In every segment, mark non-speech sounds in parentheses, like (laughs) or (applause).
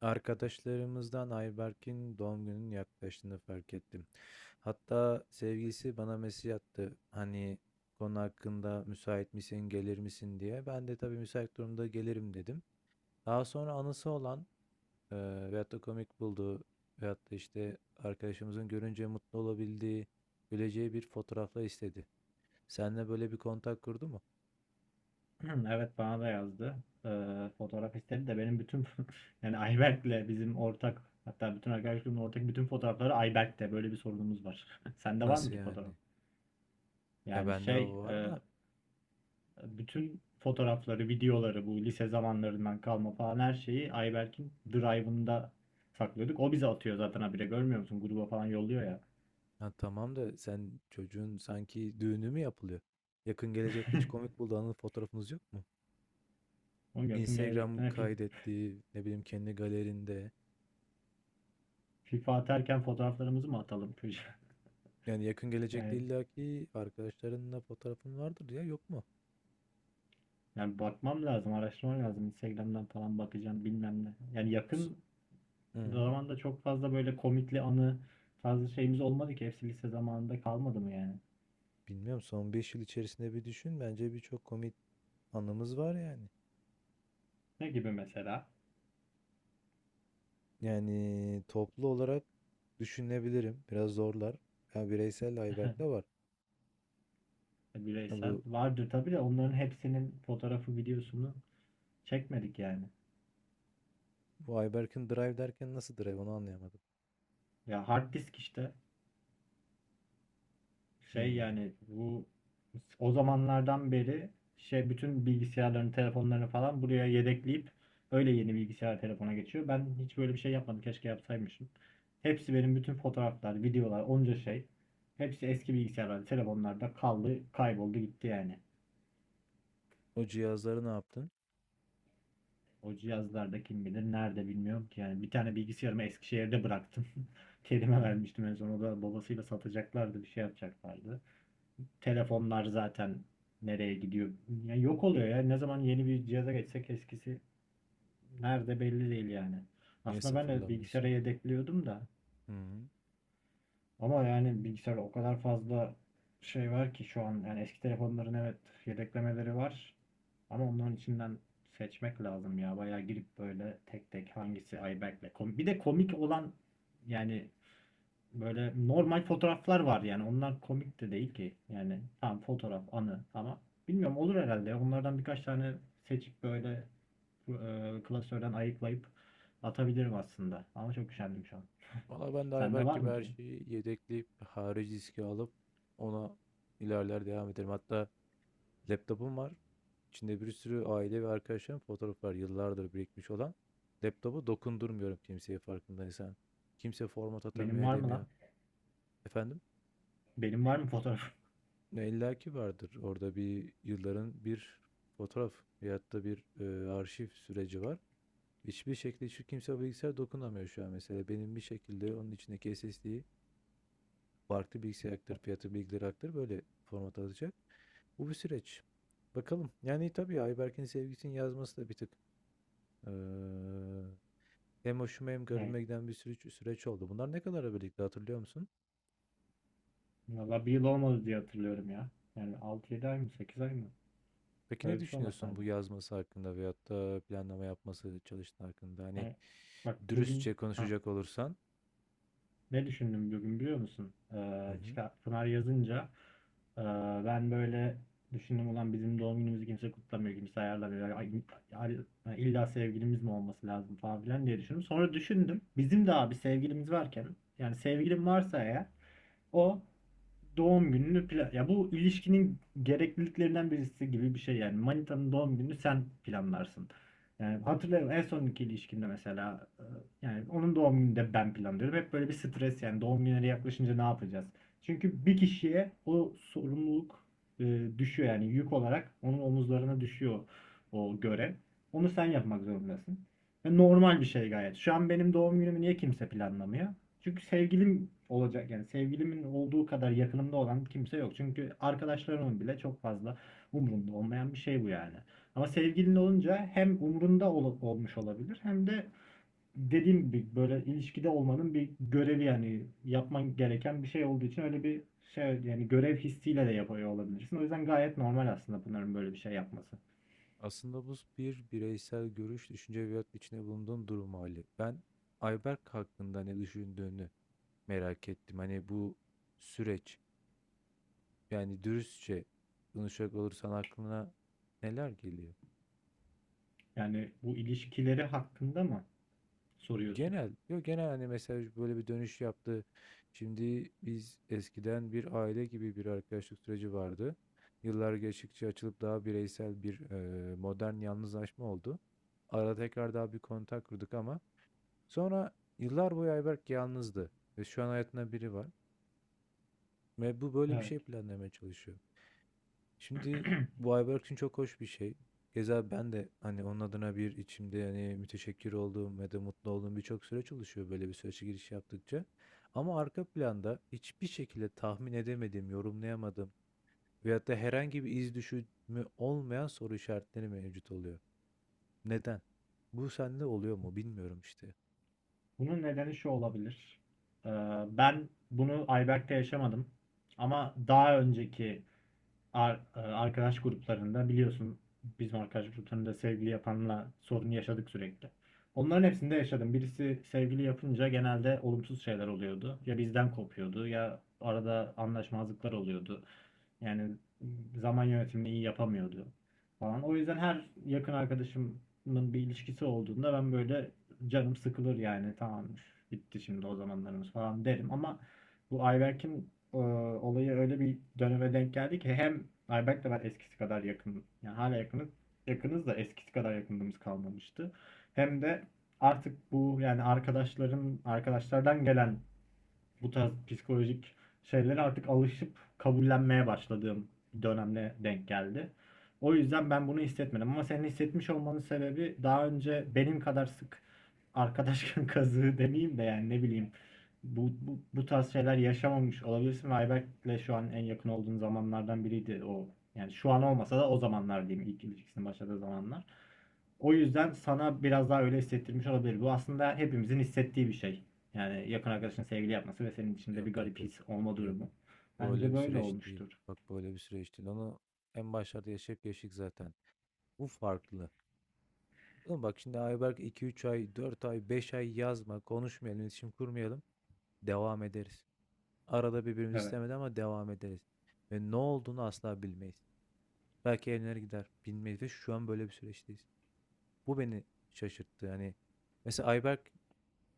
Arkadaşlarımızdan Ayberk'in doğum gününün yaklaştığını fark ettim. Hatta sevgilisi bana mesaj attı. Hani konu hakkında müsait misin, gelir misin diye. Ben de tabii müsait durumda gelirim dedim. Daha sonra anısı olan e, veyahut da komik bulduğu veyahut da işte arkadaşımızın görünce mutlu olabildiği, güleceği bir fotoğrafla istedi. Seninle böyle bir kontak kurdu mu? Hı, Evet, bana da yazdı. Fotoğraf istedi de benim bütün (laughs) yani Ayberk'le bizim ortak, hatta bütün arkadaş grubunun ortak bütün fotoğrafları Ayberk'te. Böyle bir sorunumuz var. (laughs) Sende var mı Nasıl ki fotoğraf? yani? Ya Yani bende şey o var e, da. bütün fotoğrafları, videoları bu lise zamanlarından kalma falan her şeyi Ayberk'in Drive'ında saklıyorduk. O bize atıyor zaten, habire görmüyor musun? Gruba falan yolluyor ya. Ha, tamam da sen çocuğun sanki düğünü mü yapılıyor? Yakın gelecekte hiç (laughs) komik bulduğu anı fotoğrafınız yok mu? Onun yakın Instagram gelecekten hep kaydettiği ne bileyim kendi galerinde. FIFA atarken fotoğraflarımızı mı atalım? (laughs) Yani yakın gelecekte Yani illaki arkadaşlarınla fotoğrafın vardır ya yok mu? Yani bakmam lazım, araştırmam lazım. Instagram'dan falan bakacağım, bilmem ne. Yani Su- yakın Hı hı. zamanda çok fazla böyle komikli anı tarzı şeyimiz olmadı ki. Hepsi lise zamanında kalmadı mı yani? Bilmiyorum, son 5 yıl içerisinde bir düşün. Bence birçok komik anımız var yani. Ne gibi mesela? Yani toplu olarak düşünebilirim. Biraz zorlar. Ya bireysel Ayberk'le (laughs) var. Ha, Bireysel. Vardır tabii de onların hepsinin fotoğrafı, videosunu çekmedik yani. bu Ayberk'in drive derken nasıl drive onu anlayamadım. Ya hard disk işte. Şey Hmm. yani bu, o zamanlardan beri şey bütün bilgisayarların, telefonlarını falan buraya yedekleyip öyle yeni bilgisayar telefona geçiyor. Ben hiç böyle bir şey yapmadım. Keşke yapsaymışım. Hepsi benim, bütün fotoğraflar, videolar, onca şey. Hepsi eski bilgisayarlarda, telefonlarda kaldı, kayboldu gitti yani. O cihazları ne yaptın? O cihazlarda kim bilir nerede, bilmiyorum ki. Yani bir tane bilgisayarımı Eskişehir'de bıraktım. (laughs) Kerime Hı. vermiştim en son. O da babasıyla satacaklardı, bir şey yapacaklardı. Telefonlar zaten nereye gidiyor? Yani yok oluyor ya. Ne zaman yeni bir cihaza geçsek eskisi nerede belli değil yani. Niye Aslında ben de bilgisayara sıfırlamıyorsun ki? yedekliyordum da Hı. ama yani bilgisayarda o kadar fazla şey var ki şu an. Yani eski telefonların, evet, yedeklemeleri var ama onların içinden seçmek lazım ya. Bayağı girip böyle tek tek hangisi iBack'le komik. Bir de komik olan, yani böyle normal fotoğraflar var, yani onlar komik de değil ki. Yani tam fotoğraf anı ama bilmiyorum, olur herhalde ya. Onlardan birkaç tane seçip böyle klasörden ayıklayıp atabilirim aslında. Ama çok üşendim şu an. Valla ben de Sende Ayberk var gibi mı her ki? şeyi yedekleyip harici diski alıp ona ilerler devam ederim. Hatta laptopum var. İçinde bir sürü aile ve arkadaşlarım fotoğraf var. Yıllardır birikmiş olan. Laptopu dokundurmuyorum kimseye farkındaysan. Kimse format Benim atamıyor var mı edemiyor. lan? Efendim? Benim var mı fotoğraf? Ne, illa ki vardır. Orada bir yılların bir fotoğraf veyahut da bir arşiv süreci var. Hiçbir şekilde şu kimse bilgisayar dokunamıyor şu an mesela. Benim bir şekilde onun içindeki SSD'yi farklı bilgisayar aktarıp fiyatı bilgileri aktarıp böyle format alacak. Bu bir süreç. Bakalım. Yani tabii Ayberk'in sevgisinin yazması da bir tık eee, hem hoşuma hem Ne? garibime giden bir süreç oldu. Bunlar ne kadar birlikte hatırlıyor musun? Valla bir yıl olmadı diye hatırlıyorum ya. Yani 6 yedi ay mı, 8 ay mı? Peki ne Öyle bir şey olması düşünüyorsun bu lazım. yazması hakkında veyahut da planlama yapması çalıştığı hakkında? Hani Yani bak dürüstçe bugün, ha, konuşacak olursan. ne düşündüm bugün biliyor musun? Hı hı. Çıkar, Pınar yazınca, ee, ben böyle düşündüm: ulan bizim doğum günümüzü kimse kutlamıyor, kimse ayarlamıyor. Ay- illa sevgilimiz mi olması lazım falan filan diye düşündüm. Sonra düşündüm, bizim de abi sevgilimiz varken, yani sevgilim varsa eğer, o doğum gününü plan... Ya bu ilişkinin gerekliliklerinden birisi gibi bir şey yani. Manitanın doğum gününü sen planlarsın. Yani hatırlıyorum en sonki ilişkimde mesela, yani onun doğum gününü de ben planlıyorum. Hep böyle bir stres yani, doğum günleri yaklaşınca ne yapacağız? Çünkü bir kişiye o sorumluluk düşüyor, yani yük olarak onun omuzlarına düşüyor o görev. Onu sen yapmak zorundasın. Ve normal bir şey gayet. Şu an benim doğum günümü niye kimse planlamıyor? Çünkü sevgilim olacak, yani sevgilimin olduğu kadar yakınımda olan kimse yok. Çünkü arkadaşlarımın bile çok fazla umurunda olmayan bir şey bu yani. Ama sevgilin olunca hem umurunda olmuş olabilir, hem de dediğim gibi böyle ilişkide olmanın bir görevi, yani yapman gereken bir şey olduğu için, öyle bir şey yani, görev hissiyle de yapıyor olabilirsin. O yüzden gayet normal aslında Pınar'ın böyle bir şey yapması. Aslında bu bir bireysel görüş, düşünce veyahut içinde bulunduğun durum hali. Ben Ayberk hakkında ne düşündüğünü merak ettim. Hani bu süreç, yani dürüstçe konuşacak olursan aklına neler geliyor? Yani bu ilişkileri hakkında mı soruyorsun? Genel, yok genel hani mesela böyle bir dönüş yaptı. Şimdi biz eskiden bir aile gibi bir arkadaşlık süreci vardı. Yıllar geçtikçe açılıp daha bireysel bir modern yalnızlaşma oldu. Ara tekrar daha bir kontak kurduk ama sonra yıllar boyu Ayberk yalnızdı ve şu an hayatında biri var ve bu böyle bir Evet. şey planlamaya çalışıyor. Şimdi bu Ayberk için çok hoş bir şey. Keza ben de hani onun adına bir içimde yani müteşekkir olduğum ve de mutlu olduğum birçok süreç oluşuyor böyle bir sürece giriş yaptıkça. Ama arka planda hiçbir şekilde tahmin edemediğim, yorumlayamadığım veyahut da herhangi bir iz düşümü olmayan soru işaretleri mevcut oluyor. Neden? Bu sende oluyor mu bilmiyorum işte. Bunun nedeni şu olabilir. Ee, Ben bunu Ayberk'te yaşamadım. Ama daha önceki arkadaş gruplarında biliyorsun, bizim arkadaş gruplarında sevgili yapanla sorun yaşadık sürekli. Onların hepsinde yaşadım. Birisi sevgili yapınca genelde olumsuz şeyler oluyordu. Ya bizden kopuyordu, ya arada anlaşmazlıklar oluyordu. Yani zaman yönetimini iyi yapamıyordu falan. O yüzden her yakın arkadaşımın bir ilişkisi olduğunda ben böyle canım sıkılır, yani tamam bitti şimdi o zamanlarımız falan derim, ama bu Ayberk'in olayı öyle bir döneme denk geldi ki, hem Ayberk'le ben eskisi kadar yakın, yani hala yakınız, yakınız da eskisi kadar yakınlığımız kalmamıştı. Hem de artık bu yani arkadaşların, arkadaşlardan gelen bu tarz psikolojik şeylere artık alışıp kabullenmeye başladığım bir dönemle denk geldi. O yüzden ben bunu hissetmedim, ama senin hissetmiş olmanın sebebi, daha önce benim kadar sık arkadaş (laughs) kazığı demeyeyim de, yani ne bileyim, bu tarz şeyler yaşamamış olabilirsin, ve Ayberk'le şu an en yakın olduğun zamanlardan biriydi o. Yani şu an olmasa da o zamanlar diyeyim, ilk ilişkisinin başladığı zamanlar. O yüzden sana biraz daha öyle hissettirmiş olabilir. Bu aslında hepimizin hissettiği bir şey. Yani yakın arkadaşın sevgili yapması ve senin içinde Yok bir yok garip yok. his olma Yok. durumu. Bu böyle Bence bir böyle süreç değil. olmuştur. Bak böyle bir süreç değil. Onu en başlarda yaşadık zaten. Bu farklı. Oğlum bak şimdi Ayberk iki üç ay, 4 ay, 5 ay yazma, konuşmayalım, iletişim kurmayalım. Devam ederiz. Arada birbirimizi Evet. istemedi ama devam ederiz. Ve ne olduğunu asla bilmeyiz. Belki evlenir gider. Bilmeyiz ve şu an böyle bir süreçteyiz. Bu beni şaşırttı. Hani mesela Ayberk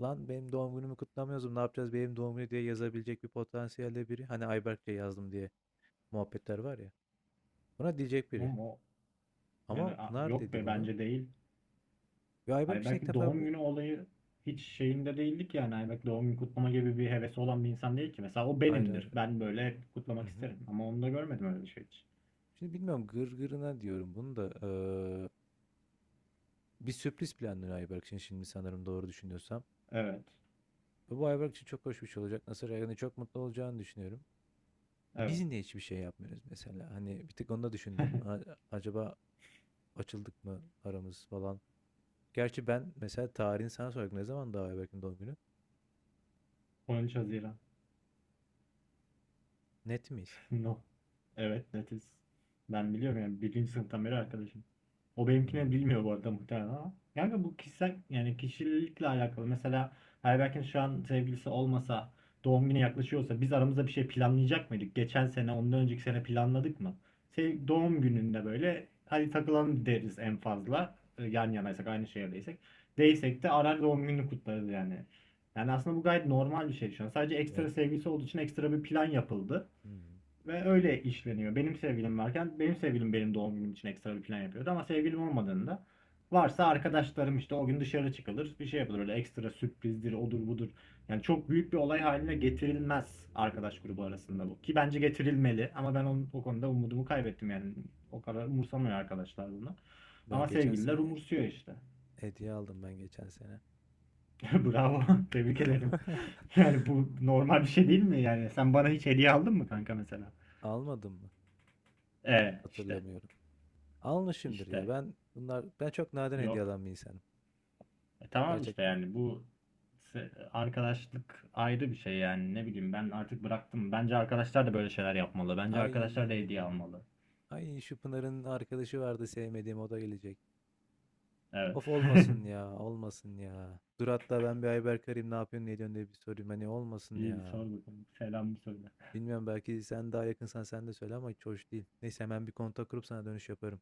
lan benim doğum günümü kutlamıyoruz. Ne yapacağız benim doğum günü diye yazabilecek bir potansiyelde biri. Hani Ayberk'le yazdım diye. Muhabbetler var ya. Buna diyecek biri. Ama o, yani Ama Pınar yok dedi be, bunu. bence değil. Ve Ayberk Ay için ilk belki defa doğum bir... günü olayı hiç şeyinde değildik yani. Ay belki doğum günü kutlama gibi bir hevesi olan bir insan değil ki. Mesela o Hayır benimdir. hayır. Ben böyle hep Hı kutlamak hı. isterim. Ama onu da görmedim öyle bir şey hiç. Şimdi bilmiyorum gırgırına diyorum bunu da. Bir sürpriz planlıyor Ayberk için şimdi sanırım doğru düşünüyorsam. Evet. Ve bu Ayberk için çok hoş bir şey olacak. Nasıl yani, çok mutlu olacağını düşünüyorum. Biz Evet. niye hiçbir şey yapmıyoruz mesela? Hani bir tık onu da düşündüm. Acaba açıldık mı aramız falan. Gerçi ben mesela tarihini sana soracaktım. Ne zaman daha Ayberk'in doğum günü? 13 Haziran. Net miyiz? No. Evet, netiz. Ben biliyorum, yani birinci sınıftan beri arkadaşım. O benimkini Hmm. bilmiyor bu arada muhtemelen ama. Yani bu kişisel, yani kişilikle alakalı. Mesela Ayberk'in şu an sevgilisi olmasa, doğum günü yaklaşıyorsa biz aramızda bir şey planlayacak mıydık? Geçen sene, ondan önceki sene planladık mı? Sev doğum gününde böyle hadi takılalım deriz en fazla. Yan yanaysak, aynı şehirdeysek. Değilsek de arar doğum gününü kutlarız yani. Yani aslında bu gayet normal bir şey şu an. Sadece ekstra Ben sevgilisi olduğu için ekstra bir plan yapıldı. hmm. Ve öyle işleniyor. Benim sevgilim varken benim sevgilim benim doğum günüm için ekstra bir plan yapıyordu, ama sevgilim olmadığında, varsa arkadaşlarım işte, o gün dışarı çıkılır, bir şey yapılır, öyle ekstra sürprizdir, odur budur. Yani çok büyük bir olay haline getirilmez arkadaş grubu arasında bu. Ki bence getirilmeli, ama ben onun, o konuda umudumu kaybettim yani, o kadar umursamıyor arkadaşlar bunu. Ben Ama geçen sevgililer sene umursuyor işte. hediye aldım, ben geçen sene. (laughs) Bravo, (laughs) tebrik ederim. (laughs) (laughs) Yani bu normal bir şey değil mi, yani sen bana hiç hediye aldın mı kanka mesela? Almadım mı? E işte Hatırlamıyorum. Almışımdır ya. işte Ben çok nadir hediye Yok. alan bir insanım. E tamam işte, Gerçekten. yani bu arkadaşlık ayrı bir şey, yani ne bileyim, ben artık bıraktım. Bence arkadaşlar da böyle şeyler yapmalı. Bence Ay. arkadaşlar da hediye almalı. Ay şu Pınar'ın arkadaşı vardı sevmediğim, o da gelecek. Evet. Of (laughs) olmasın ya, olmasın ya. Dur hatta ben bir Ayberk arayayım, ne yapıyorsun ne ediyorsun diye bir sorayım. Hani olmasın İyi, bir ya. sor bakalım. Selam mı söyle. Bilmiyorum, belki sen daha yakınsan sen de söyle ama hiç hoş değil. Neyse hemen bir kontak kurup sana dönüş yaparım.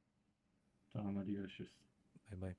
Tamam, hadi görüşürüz. Bay bay.